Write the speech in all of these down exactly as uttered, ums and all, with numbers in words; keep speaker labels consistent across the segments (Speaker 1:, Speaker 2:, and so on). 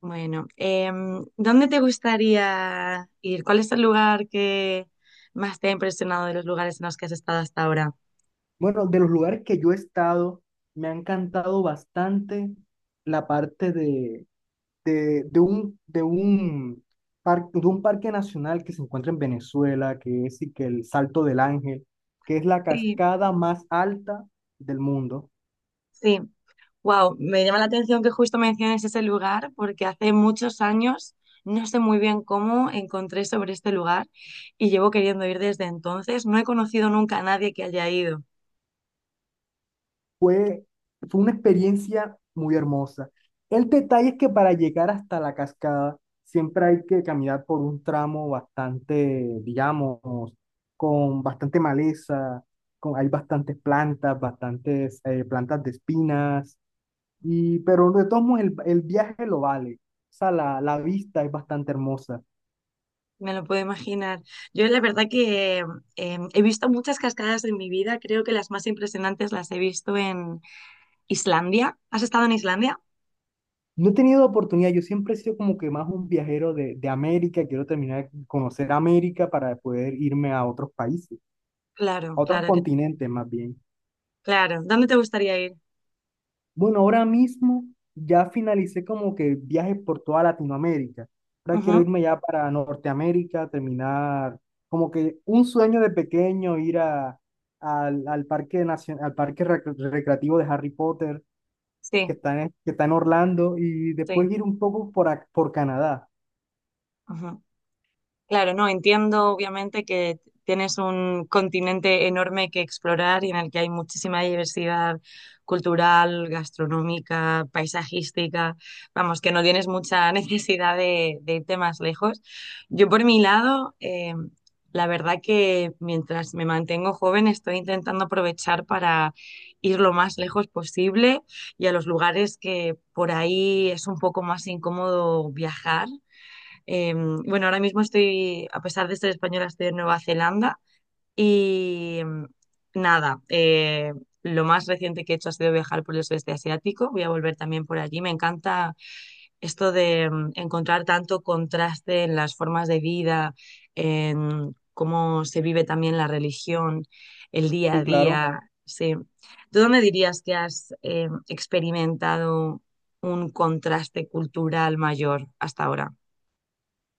Speaker 1: Bueno, em, ¿dónde te gustaría ir? ¿Cuál es el lugar que más te ha impresionado de los lugares en los que has estado hasta ahora?
Speaker 2: Bueno, de los lugares que yo he estado, me ha encantado bastante la parte de, de, de un, de un, par- de un parque nacional que se encuentra en Venezuela, que es y que el Salto del Ángel, que es la
Speaker 1: Sí,
Speaker 2: cascada más alta del mundo.
Speaker 1: sí. Wow, me llama la atención que justo menciones ese lugar porque hace muchos años, no sé muy bien cómo, encontré sobre este lugar y llevo queriendo ir desde entonces. No he conocido nunca a nadie que haya ido.
Speaker 2: Fue, fue una experiencia muy hermosa. El detalle es que para llegar hasta la cascada siempre hay que caminar por un tramo bastante, digamos, con bastante maleza, con, hay bastantes plantas, bastantes eh, plantas de espinas, y, pero de todos modos el, el viaje lo vale. O sea, la, la vista es bastante hermosa.
Speaker 1: Me lo puedo imaginar. Yo la verdad que em, he visto muchas cascadas en mi vida, creo que las más impresionantes las he visto ¿Islandia? ¿Has estado en Islandia?
Speaker 2: No he tenido oportunidad, yo siempre he sido como que más un viajero de, de América, quiero terminar de conocer América para poder irme a otros países.
Speaker 1: Claro,
Speaker 2: A otros
Speaker 1: claro, que-
Speaker 2: continentes más bien.
Speaker 1: claro. ¿Dónde te gustaría ir?
Speaker 2: Bueno, ahora mismo ya finalicé como que viajes por toda Latinoamérica. Ahora quiero
Speaker 1: Ujú.
Speaker 2: irme ya para Norteamérica, terminar como que un sueño de pequeño, ir a, al, al parque nacio- al parque rec- recreativo de Harry Potter
Speaker 1: Sí,
Speaker 2: que está en, que está en Orlando y
Speaker 1: sí.
Speaker 2: después ir un poco por, ac- por Canadá.
Speaker 1: Ujú. Claro, no, entiendo obviamente que tienes un continente enorme que explorar y en el que hay muchísima diversidad cultural, gastronómica, paisajística, vamos, que no tienes mucha necesidad de, de irte más lejos. Yo por mi lado, eh, la verdad que mientras me mantengo joven estoy intentando aprovechar para ir lo más lejos posible y a los lugares que por ahí es un poco más incómodo viajar. Eh, bueno, ahora mismo estoy, a pesar de ser española, estoy en Nueva Zelanda y mm, nada, eh, lo más reciente que he hecho ha sido viajar por el sudeste asiático. Voy a volver también por allí. Me encanta esto de mm, encontrar tanto contraste en las formas de vida, en cómo se vive también la religión, el día
Speaker 2: Sí,
Speaker 1: a
Speaker 2: claro.
Speaker 1: día. Sí. ¿Tú dónde dirías que has eh, experimentado un contraste cultural mayor hasta ahora?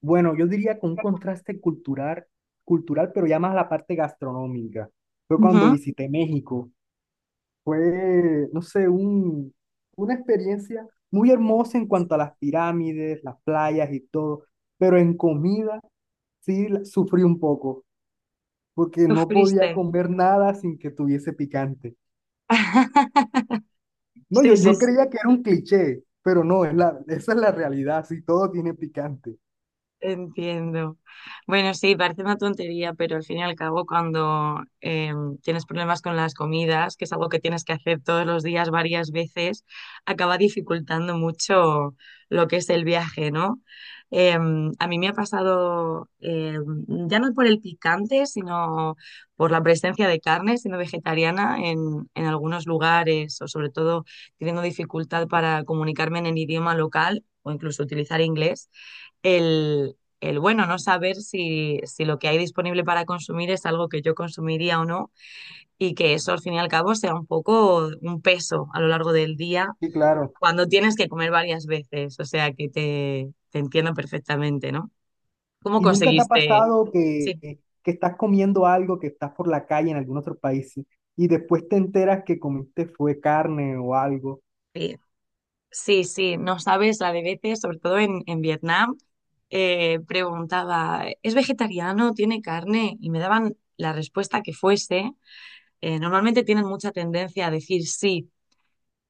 Speaker 2: Bueno, yo diría con un contraste cultural, cultural, pero ya más la parte gastronómica. Fue cuando visité México. Fue, no sé, un, una experiencia muy hermosa en cuanto a las pirámides, las playas y todo, pero en comida sí la- sufrí un poco, porque no podía
Speaker 1: Sufriste.
Speaker 2: comer nada sin que tuviese picante. No,
Speaker 1: Sí,
Speaker 2: yo,
Speaker 1: sí,
Speaker 2: yo
Speaker 1: sí.
Speaker 2: creía que era un cliché, pero no, es la, esa es la realidad, sí, todo tiene picante.
Speaker 1: Entiendo. Bueno, sí, parece una tontería, pero al fin y al cabo, cuando em, tienes problemas con las comidas, que es algo que tienes que hacer todos los días varias veces, acaba dificultando mucho lo que es el viaje, ¿no? Em, a mí me ha pasado, em, ya no por el picante, sino por la presencia de carne, siendo vegetariana, en, en algunos lugares, o sobre todo teniendo dificultad para comunicarme en el idioma local o incluso utilizar inglés el, el, bueno, no saber si, si lo que hay disponible para consumir es algo que yo consumiría o no y que eso al fin y al cabo sea un poco un peso a lo largo del día
Speaker 2: Y claro,
Speaker 1: cuando tienes que comer varias veces. O sea que te, te entiendo perfectamente, ¿no? ¿Cómo
Speaker 2: ¿y nunca te ha
Speaker 1: conseguiste?
Speaker 2: pasado que,
Speaker 1: Sí,
Speaker 2: que estás comiendo algo, que estás por la calle en algún otro país y después te enteras que comiste fue carne o algo?
Speaker 1: sí, sí, sí, no sabes la de veces, sobre todo en, en Vietnam. Eh, preguntaba, ¿es vegetariano? ¿Tiene carne? Y me daban la respuesta que fuese. Eh, normalmente tienen mucha tendencia a decir sí,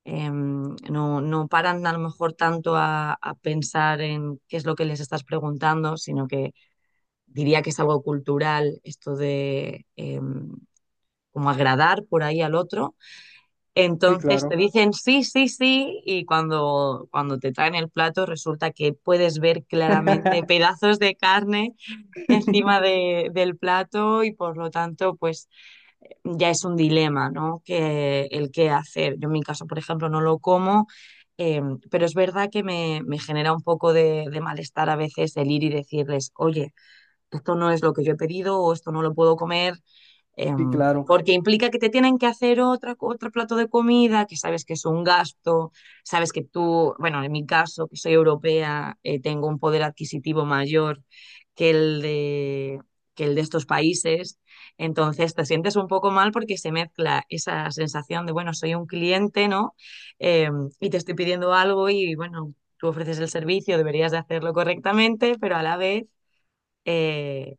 Speaker 1: em, no, no paran a lo mejor tanto a, a pensar en qué es lo que les estás preguntando, sino que diría que es algo cultural esto de em, como agradar por ahí al otro.
Speaker 2: Sí,
Speaker 1: Entonces te
Speaker 2: claro.
Speaker 1: dicen sí, sí, sí, y cuando, cuando te traen el plato resulta que puedes ver claramente pedazos de carne encima de- del plato y por lo tanto, pues ya es un dilema, ¿no? Que el qué hacer. Yo en mi caso, por ejemplo, no lo como, eh, pero es verdad que me, me genera un poco de, de malestar a veces el ir y decirles, oye, esto no es lo que yo he pedido o esto no lo puedo comer.
Speaker 2: Sí,
Speaker 1: Em,
Speaker 2: claro.
Speaker 1: porque implica que te tienen que hacer otra, otro plato de comida, que sabes que es un gasto, sabes que tú, bueno, en mi caso, que soy europea, eh, tengo un poder adquisitivo mayor que el de, que el de estos países, entonces te sientes un poco mal porque se mezcla esa sensación de, bueno, soy un cliente, ¿no? Em, y te estoy pidiendo algo y, bueno, tú ofreces el servicio, deberías de hacerlo correctamente, pero a la vez, eh,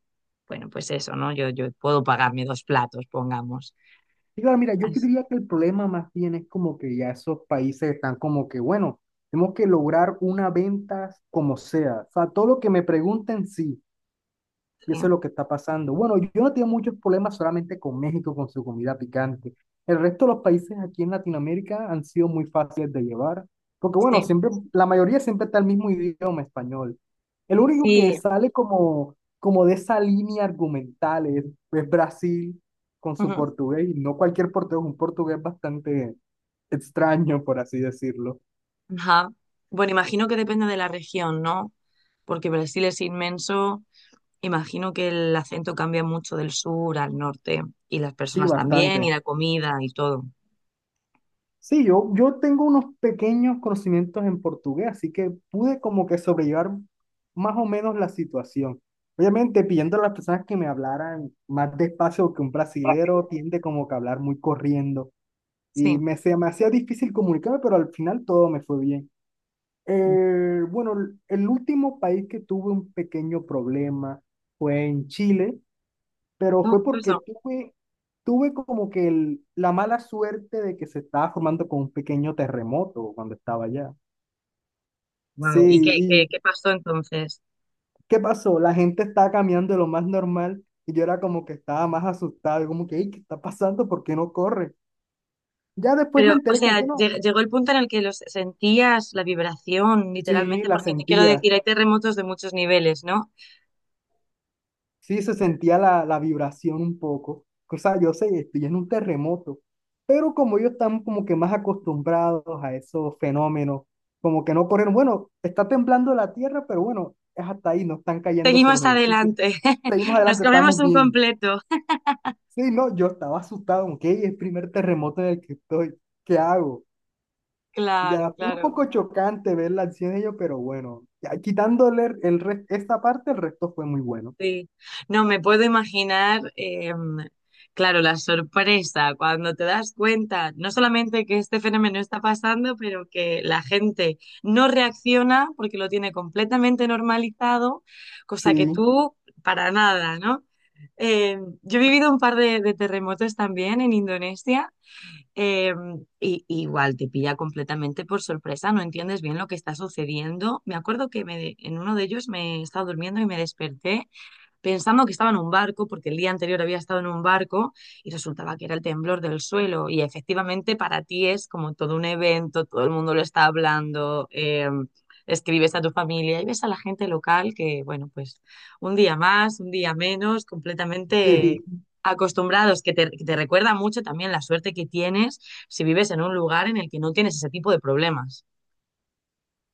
Speaker 1: bueno, pues eso, ¿no? Yo, yo puedo pagarme dos platos, pongamos.
Speaker 2: Sí, claro, mira, yo
Speaker 1: Así,
Speaker 2: diría que el problema más bien es como que ya esos países están como que, bueno, tenemos que lograr una venta como sea. O sea, todo lo que me pregunten, sí. Y eso es lo que está pasando. Bueno, yo no tengo muchos problemas solamente con México, con su comida picante. El resto de los países aquí en Latinoamérica han sido muy fáciles de llevar, porque bueno,
Speaker 1: sí.
Speaker 2: siempre, la mayoría siempre está el mismo idioma español. El único que
Speaker 1: Sí.
Speaker 2: sale como, como de esa línea argumental es, es Brasil con su
Speaker 1: Ujú.
Speaker 2: portugués, y no cualquier portugués, un portugués bastante extraño, por así decirlo.
Speaker 1: Ajá. Bueno, imagino que depende de la región, ¿no? Porque Brasil es inmenso. Imagino que el acento cambia mucho del sur al norte y las
Speaker 2: Sí,
Speaker 1: personas también y
Speaker 2: bastante.
Speaker 1: la comida y todo.
Speaker 2: Sí, yo, yo tengo unos pequeños conocimientos en portugués, así que pude como que sobrellevar más o menos la situación. Obviamente, pidiendo a las personas que me hablaran más despacio que un brasilero tiende como que a hablar muy corriendo
Speaker 1: Sí.
Speaker 2: y me, se me hacía difícil comunicarme, pero al final todo me fue bien. Eh, bueno, el el último país que tuve un pequeño problema fue en Chile, pero fue porque tuve, tuve como que el- la mala suerte de que se estaba formando con un pequeño terremoto cuando estaba allá. Sí,
Speaker 1: Wow. ¿Y qué, qué,
Speaker 2: ¿y
Speaker 1: qué pasó entonces?
Speaker 2: qué pasó? La gente estaba caminando de lo más normal y yo era como que estaba más asustado, y como que, "Ey, ¿qué está pasando? ¿Por qué no corre?". Ya después
Speaker 1: Pero,
Speaker 2: me
Speaker 1: o
Speaker 2: enteré con
Speaker 1: sea,
Speaker 2: que no.
Speaker 1: lle- llegó el punto en el que los sentías la vibración,
Speaker 2: Sí,
Speaker 1: literalmente,
Speaker 2: la
Speaker 1: porque te quiero
Speaker 2: sentía.
Speaker 1: decir, hay terremotos de muchos niveles, ¿no?
Speaker 2: Sí, se sentía la, la vibración un poco. O sea, yo sé, estoy en un terremoto, pero como ellos están como que más acostumbrados a esos fenómenos, como que no corrieron, bueno, está temblando la tierra, pero bueno, es hasta ahí, no están cayéndose los
Speaker 1: Seguimos
Speaker 2: edificios.
Speaker 1: adelante.
Speaker 2: Seguimos
Speaker 1: Nos
Speaker 2: adelante,
Speaker 1: comemos
Speaker 2: estamos
Speaker 1: un
Speaker 2: bien.
Speaker 1: completo.
Speaker 2: Sí, no, yo estaba asustado, ok, es el primer terremoto en el que estoy, ¿qué hago? Ya
Speaker 1: Claro,
Speaker 2: fue un
Speaker 1: claro,
Speaker 2: poco chocante ver la acción de ellos, pero bueno, ya quitándole el, el re- esta parte, el resto fue muy bueno.
Speaker 1: sí. No, me puedo imaginar, em, claro, la sorpresa cuando te das cuenta, no solamente que este fenómeno está pasando, pero que la gente no reacciona porque lo tiene completamente normalizado, cosa que
Speaker 2: Sí,
Speaker 1: tú para nada, ¿no? Eh, yo he vivido un par de, de terremotos también en Indonesia, eh, y y igual te pilla completamente por sorpresa, no entiendes bien lo que está sucediendo. Me acuerdo que me de- en uno de ellos me estaba durmiendo y me desperté pensando que estaba en un barco, porque el día anterior había estado en un barco y resultaba que era el temblor del suelo. Y efectivamente para ti es como todo un evento, todo el mundo lo está hablando, eh, escribes a tu familia y ves a la gente local que, bueno, pues un día más, un día menos, completamente
Speaker 2: sí.
Speaker 1: acostumbrados, que te, que te recuerda mucho también la suerte que tienes si vives en un lugar en el que no tienes ese tipo de problemas.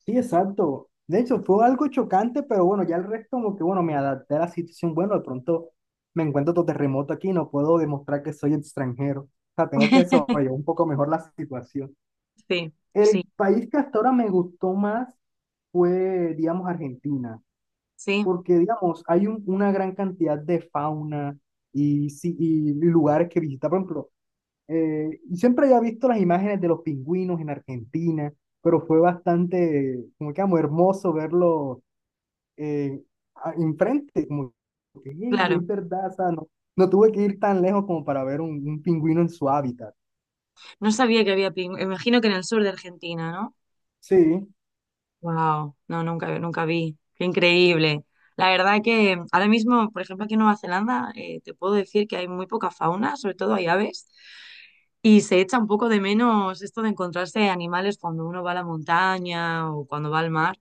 Speaker 2: Sí, exacto. De hecho, fue algo chocante, pero bueno, ya el resto como que, bueno, me adapté a la situación. Bueno, de pronto me encuentro otro terremoto aquí, no puedo demostrar que soy extranjero. O sea, tengo que sobrellevar un poco mejor la situación.
Speaker 1: Sí, sí,
Speaker 2: El país que hasta ahora me gustó más fue, digamos, Argentina,
Speaker 1: sí,
Speaker 2: porque, digamos, hay un- una gran cantidad de fauna y, sí- y lugares que visitar. Por ejemplo, eh, y siempre había visto las imágenes de los pingüinos en Argentina, pero fue bastante, como que amo, hermoso verlo eh, a- enfrente, como que "Ey,
Speaker 1: claro.
Speaker 2: es verdad, o sea, no, no tuve que ir tan lejos como para ver un, un pingüino en su hábitat.
Speaker 1: No sabía que había pingüinos. Imagino que en el sur de Argentina, ¿no?
Speaker 2: Sí,
Speaker 1: Wow, no, nunca, nunca vi. Qué increíble. La verdad que ahora mismo, por ejemplo, aquí en Nueva Zelanda, eh, te puedo decir que hay muy poca fauna, sobre todo hay aves, y se echa un poco de menos esto de encontrarse animales cuando uno va a la montaña o cuando va al mar,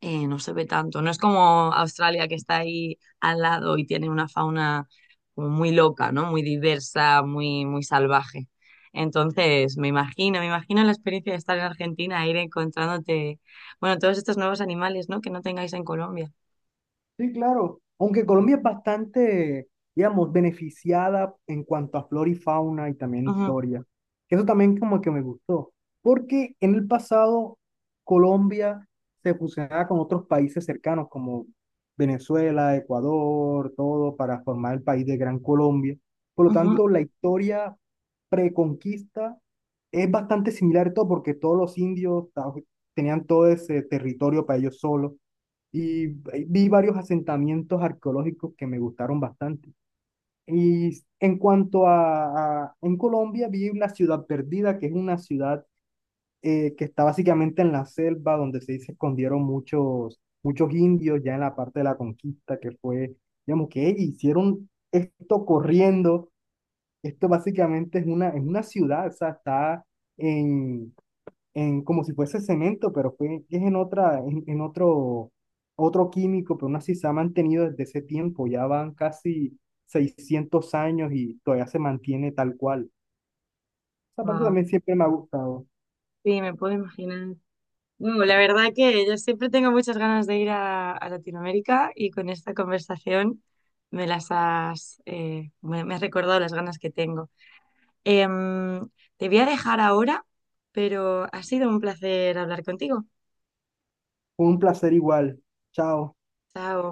Speaker 1: eh, no se ve tanto. No es como Australia que está ahí al lado y tiene una fauna como muy loca, ¿no? Muy diversa, muy, muy salvaje. Entonces, me imagino, me imagino la experiencia de estar en Argentina, ir encontrándote, bueno, todos estos nuevos animales, ¿no? Que no tengáis en Colombia.
Speaker 2: sí, claro. Aunque Colombia es bastante, digamos, beneficiada en cuanto a flora y fauna y también
Speaker 1: Ujú,
Speaker 2: historia. Eso también como que me gustó, porque en el pasado Colombia se fusionaba con otros países cercanos como Venezuela, Ecuador, todo para formar el país de Gran Colombia. Por lo
Speaker 1: ujú.
Speaker 2: tanto, la historia preconquista es bastante similar todo porque todos los indios ta- tenían todo ese territorio para ellos solos y eh, vi varios asentamientos arqueológicos que me gustaron bastante. Y en cuanto a, a- en Colombia, vi una ciudad perdida, que es una ciudad eh, que está básicamente en la selva, donde se se escondieron muchos, muchos indios ya en la parte de la conquista, que fue, digamos, que ellos hicieron esto corriendo. Esto básicamente es una, es una ciudad, o sea, está en, en, como si fuese cemento, pero fue, es en otra, en, en otro, otro químico, pero aún así se ha mantenido desde ese tiempo, ya van casi seiscientos años y todavía se mantiene tal cual. Esa parte
Speaker 1: Wow.
Speaker 2: también siempre me ha gustado.
Speaker 1: Sí, me puedo imaginar. Bueno, la verdad que yo siempre tengo muchas ganas de ir a, a Latinoamérica y con esta conversación me las has, eh, me me has recordado las ganas que tengo. Em, Te voy a dejar ahora, pero ha sido un placer hablar contigo.
Speaker 2: Fue un placer igual. Chao.
Speaker 1: Chao.